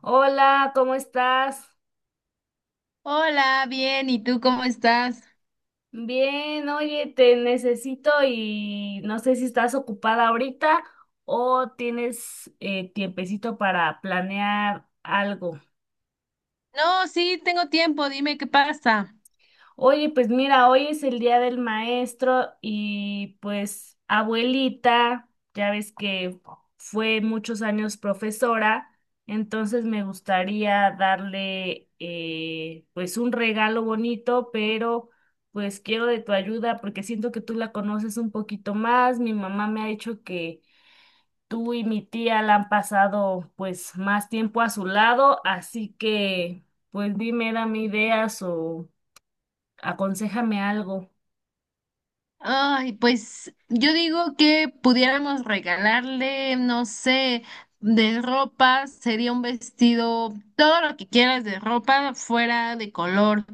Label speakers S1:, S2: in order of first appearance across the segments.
S1: Hola, ¿cómo estás?
S2: Hola, bien, ¿y tú cómo estás?
S1: Bien, oye, te necesito y no sé si estás ocupada ahorita o tienes tiempecito para planear algo.
S2: No, sí, tengo tiempo, dime qué pasa.
S1: Oye, pues mira, hoy es el día del maestro y pues abuelita, ya ves que fue muchos años profesora, entonces me gustaría darle pues un regalo bonito, pero pues quiero de tu ayuda porque siento que tú la conoces un poquito más. Mi mamá me ha dicho que tú y mi tía la han pasado pues más tiempo a su lado, así que pues dime, dame ideas o… Aconséjame algo.
S2: Ay, pues yo digo que pudiéramos regalarle, no sé, de ropa, sería un vestido, todo lo que quieras de ropa fuera de color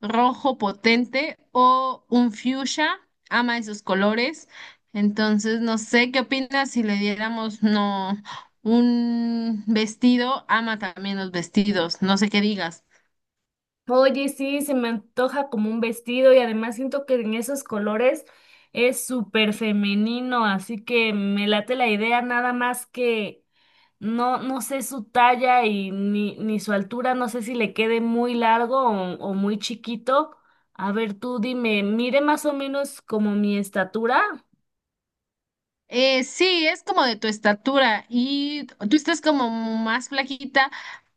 S2: rojo potente o un fuchsia, ama esos colores. Entonces, no sé, ¿qué opinas si le diéramos, no, un vestido? Ama también los vestidos, no sé qué digas.
S1: Oye, sí, se me antoja como un vestido y además siento que en esos colores es súper femenino, así que me late la idea nada más que no, no sé su talla y ni su altura, no sé si le quede muy largo o muy chiquito. A ver, tú dime, mire más o menos como mi estatura.
S2: Sí, es como de tu estatura y tú estás como más flaquita,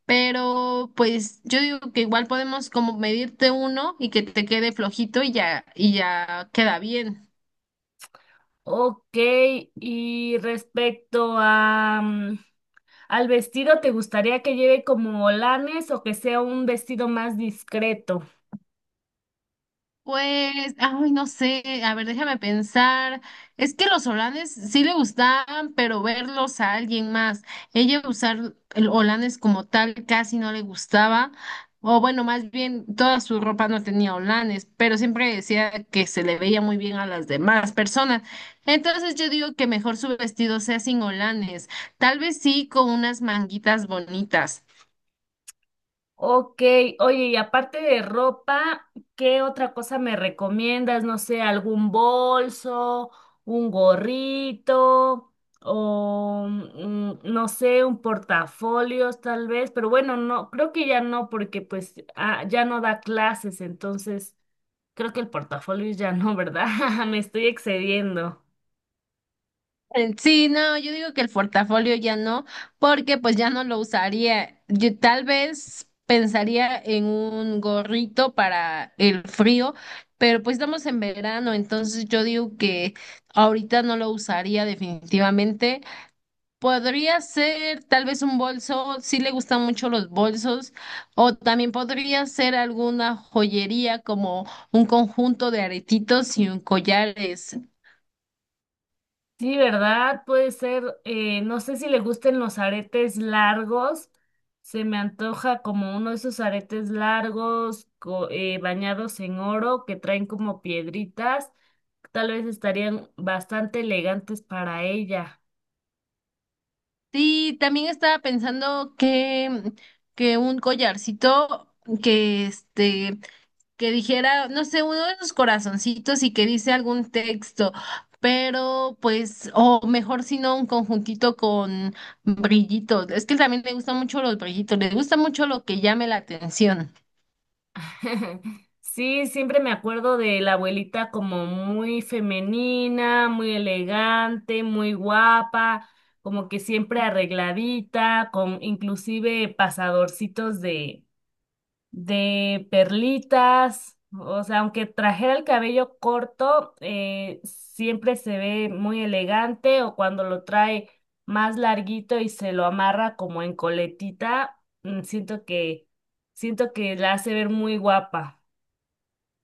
S2: pero pues yo digo que igual podemos como medirte uno y que te quede flojito y ya queda bien.
S1: Ok, y respecto a… mm, ¿al vestido te gustaría que lleve como lanes o que sea un vestido más discreto?
S2: Pues, ay, no sé, a ver, déjame pensar. Es que los holanes sí le gustaban, pero verlos a alguien más. Ella usar el holanes como tal casi no le gustaba. O bueno, más bien toda su ropa no tenía holanes, pero siempre decía que se le veía muy bien a las demás personas. Entonces yo digo que mejor su vestido sea sin holanes, tal vez sí con unas manguitas bonitas.
S1: Ok, oye, y aparte de ropa, ¿qué otra cosa me recomiendas? No sé, algún bolso, un gorrito o no sé, un portafolios tal vez, pero bueno, no, creo que ya no porque pues ah, ya no da clases, entonces creo que el portafolio ya no, ¿verdad? Me estoy excediendo.
S2: Sí, no, yo digo que el portafolio ya no, porque pues ya no lo usaría. Yo tal vez pensaría en un gorrito para el frío, pero pues estamos en verano, entonces yo digo que ahorita no lo usaría definitivamente. Podría ser tal vez un bolso, sí le gustan mucho los bolsos, o también podría ser alguna joyería como un conjunto de aretitos y un collares.
S1: Sí, ¿verdad? Puede ser, no sé si le gusten los aretes largos, se me antoja como uno de esos aretes largos bañados en oro que traen como piedritas, tal vez estarían bastante elegantes para ella.
S2: Sí, también estaba pensando que un collarcito que este, que dijera, no sé, uno de esos corazoncitos y que dice algún texto, pero pues, o mejor si no, un conjuntito con brillitos. Es que también le gustan mucho los brillitos, le gusta mucho lo que llame la atención.
S1: Sí, siempre me acuerdo de la abuelita como muy femenina, muy elegante, muy guapa, como que siempre arregladita, con inclusive pasadorcitos de perlitas, o sea, aunque trajera el cabello corto, siempre se ve muy elegante o cuando lo trae más larguito y se lo amarra como en coletita, mm, siento que la hace ver muy guapa.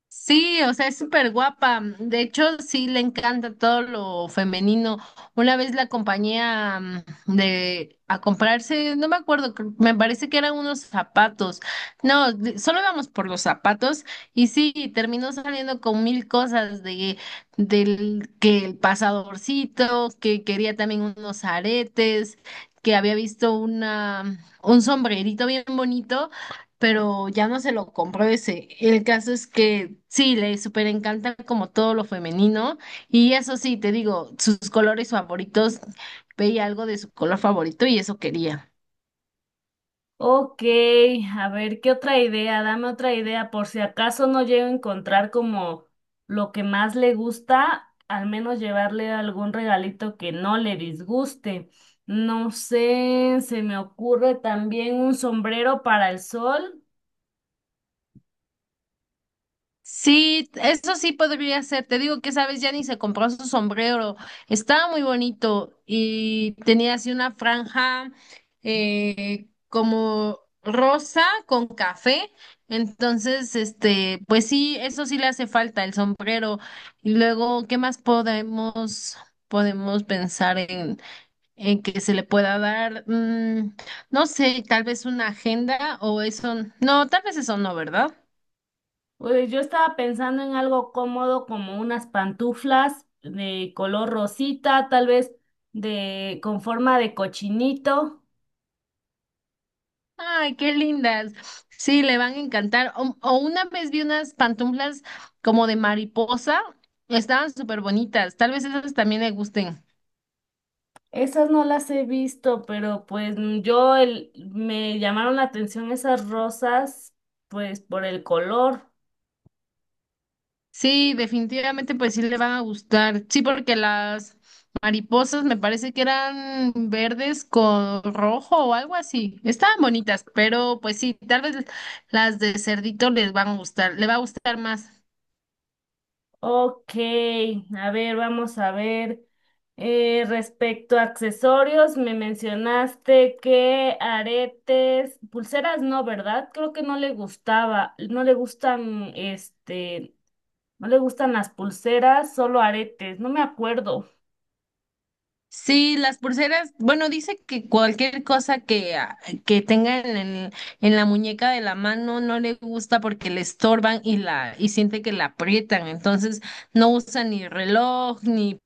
S2: Sí, o sea, es súper guapa. De hecho, sí le encanta todo lo femenino. Una vez la acompañé a, de, a comprarse, no me acuerdo, me parece que eran unos zapatos. No, solo íbamos por los zapatos y sí, terminó saliendo con mil cosas de, del que el pasadorcito, que quería también unos aretes, que había visto una, un sombrerito bien bonito pero ya no se lo compró ese. El caso es que sí, le súper encanta como todo lo femenino y eso sí, te digo, sus colores favoritos, veía algo de su color favorito y eso quería.
S1: Ok, a ver, ¿qué otra idea? Dame otra idea por si acaso no llego a encontrar como lo que más le gusta, al menos llevarle algún regalito que no le disguste. No sé, se me ocurre también un sombrero para el sol.
S2: Sí, eso sí podría ser. Te digo que, sabes, ni se compró su sombrero. Estaba muy bonito y tenía así una franja como rosa con café. Entonces, este, pues sí, eso sí le hace falta el sombrero. Y luego, ¿qué más podemos pensar en que se le pueda dar? No sé, tal vez una agenda o eso. No, tal vez eso no, ¿verdad?
S1: Pues yo estaba pensando en algo cómodo como unas pantuflas de color rosita, tal vez de con forma de cochinito.
S2: Ay, qué lindas. Sí, le van a encantar. O una vez vi unas pantuflas como de mariposa. Estaban súper bonitas. Tal vez esas también le gusten.
S1: Esas no las he visto, pero pues mm, me llamaron la atención esas rosas, pues por el color.
S2: Sí, definitivamente pues sí le van a gustar. Sí, porque las mariposas me parece que eran verdes con rojo o algo así. Estaban bonitas, pero pues sí, tal vez las de cerdito les van a gustar. Le va a gustar más.
S1: Ok, a ver, vamos a ver. Respecto a accesorios, me mencionaste que aretes, pulseras no, ¿verdad? Creo que no le gustaba, no le gustan, este, no le gustan las pulseras, solo aretes, no me acuerdo.
S2: Sí, las pulseras, bueno, dice que cualquier cosa que, ah, que tenga en la muñeca de la mano no le gusta porque le estorban y la, y siente que la aprietan, entonces no usa ni reloj, ni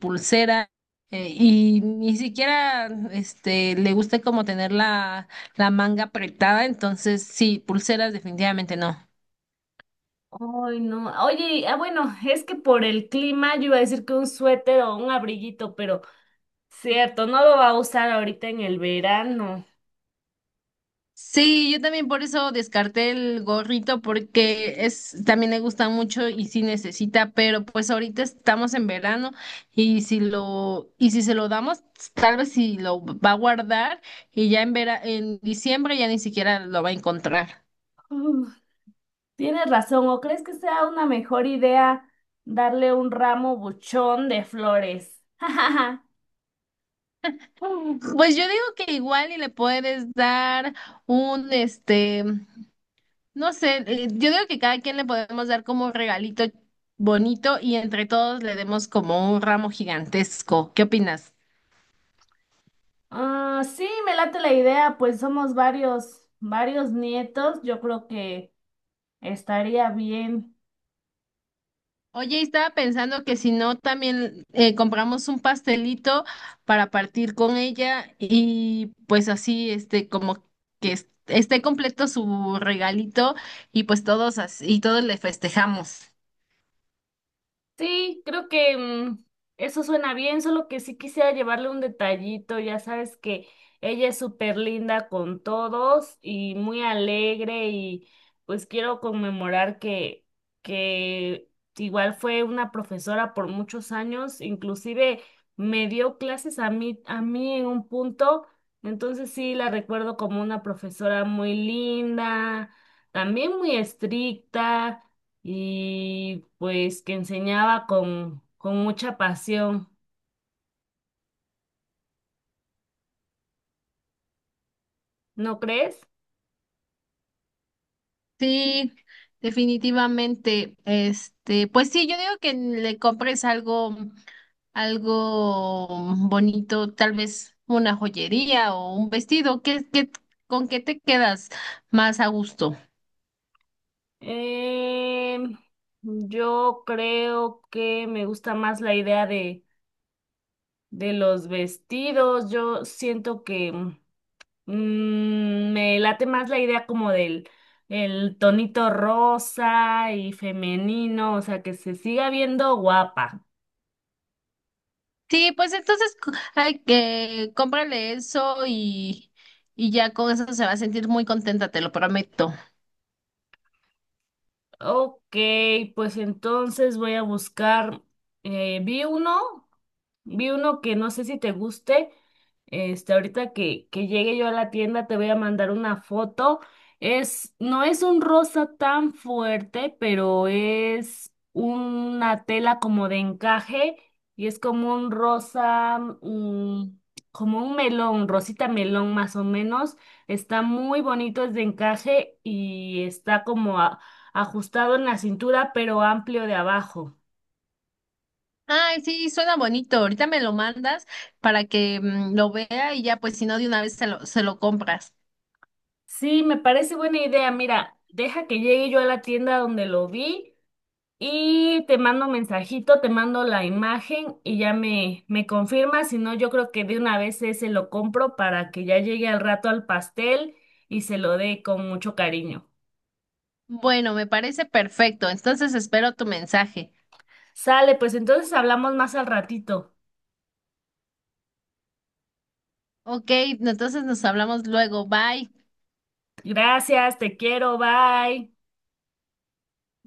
S2: pulsera, y ni siquiera este le gusta como tener la manga apretada, entonces sí, pulseras definitivamente no.
S1: Ay, no. Oye, ah, bueno, es que por el clima yo iba a decir que un suéter o un abriguito, pero cierto, no lo va a usar ahorita en el verano.
S2: Sí, yo también por eso descarté el gorrito porque es también le gusta mucho y sí necesita, pero pues ahorita estamos en verano y si lo y si se lo damos, tal vez si lo va a guardar y ya en en diciembre ya ni siquiera lo va a encontrar.
S1: Mm, tienes razón, ¿o crees que sea una mejor idea darle un ramo buchón de flores?
S2: Pues yo digo que igual y le puedes dar un este, no sé, yo digo que cada quien le podemos dar como un regalito bonito y entre todos le demos como un ramo gigantesco. ¿Qué opinas?
S1: Ah, sí, me late la idea, pues somos varios, varios nietos, yo creo que estaría bien.
S2: Oye, y estaba pensando que si no, también compramos un pastelito para partir con ella y pues así, este, como que esté completo su regalito y pues todos así, y todos le festejamos.
S1: Sí, creo que mm, eso suena bien, solo que sí quisiera llevarle un detallito, ya sabes que ella es súper linda con todos y muy alegre y pues quiero conmemorar que igual fue una profesora por muchos años, inclusive me dio clases a mí en un punto, entonces sí la recuerdo como una profesora muy linda, también muy estricta y pues que enseñaba con mucha pasión, ¿no crees?
S2: Sí, definitivamente. Este, pues sí, yo digo que le compres algo, algo bonito, tal vez una joyería o un vestido. ¿ con qué te quedas más a gusto?
S1: Em, yo creo que me gusta más la idea de los vestidos. Yo siento que mm, me late más la idea como del el tonito rosa y femenino, o sea, que se siga viendo guapa.
S2: Sí, pues entonces hay que cómprale eso y ya con eso se va a sentir muy contenta, te lo prometo.
S1: Ok, pues entonces voy a buscar, vi uno. Vi uno que no sé si te guste. Este, ahorita que llegue yo a la tienda te voy a mandar una foto. Es, no es un rosa tan fuerte, pero es una tela como de encaje y es como un rosa, mm, como un melón, rosita melón más o menos. Está muy bonito, es de encaje y está como ajustado en la cintura, pero amplio de abajo.
S2: Ay, sí, suena bonito. Ahorita me lo mandas para que lo vea y ya, pues si no, de una vez se lo compras.
S1: Sí, me parece buena idea. Mira, deja que llegue yo a la tienda donde lo vi y te mando un mensajito, te mando la imagen y ya me confirmas. Si no, yo creo que de una vez ese lo compro para que ya llegue al rato al pastel y se lo dé con mucho cariño.
S2: Bueno, me parece perfecto. Entonces espero tu mensaje.
S1: Sale, pues entonces hablamos más al ratito.
S2: Ok, entonces nos hablamos luego. Bye.
S1: Gracias, te quiero, bye.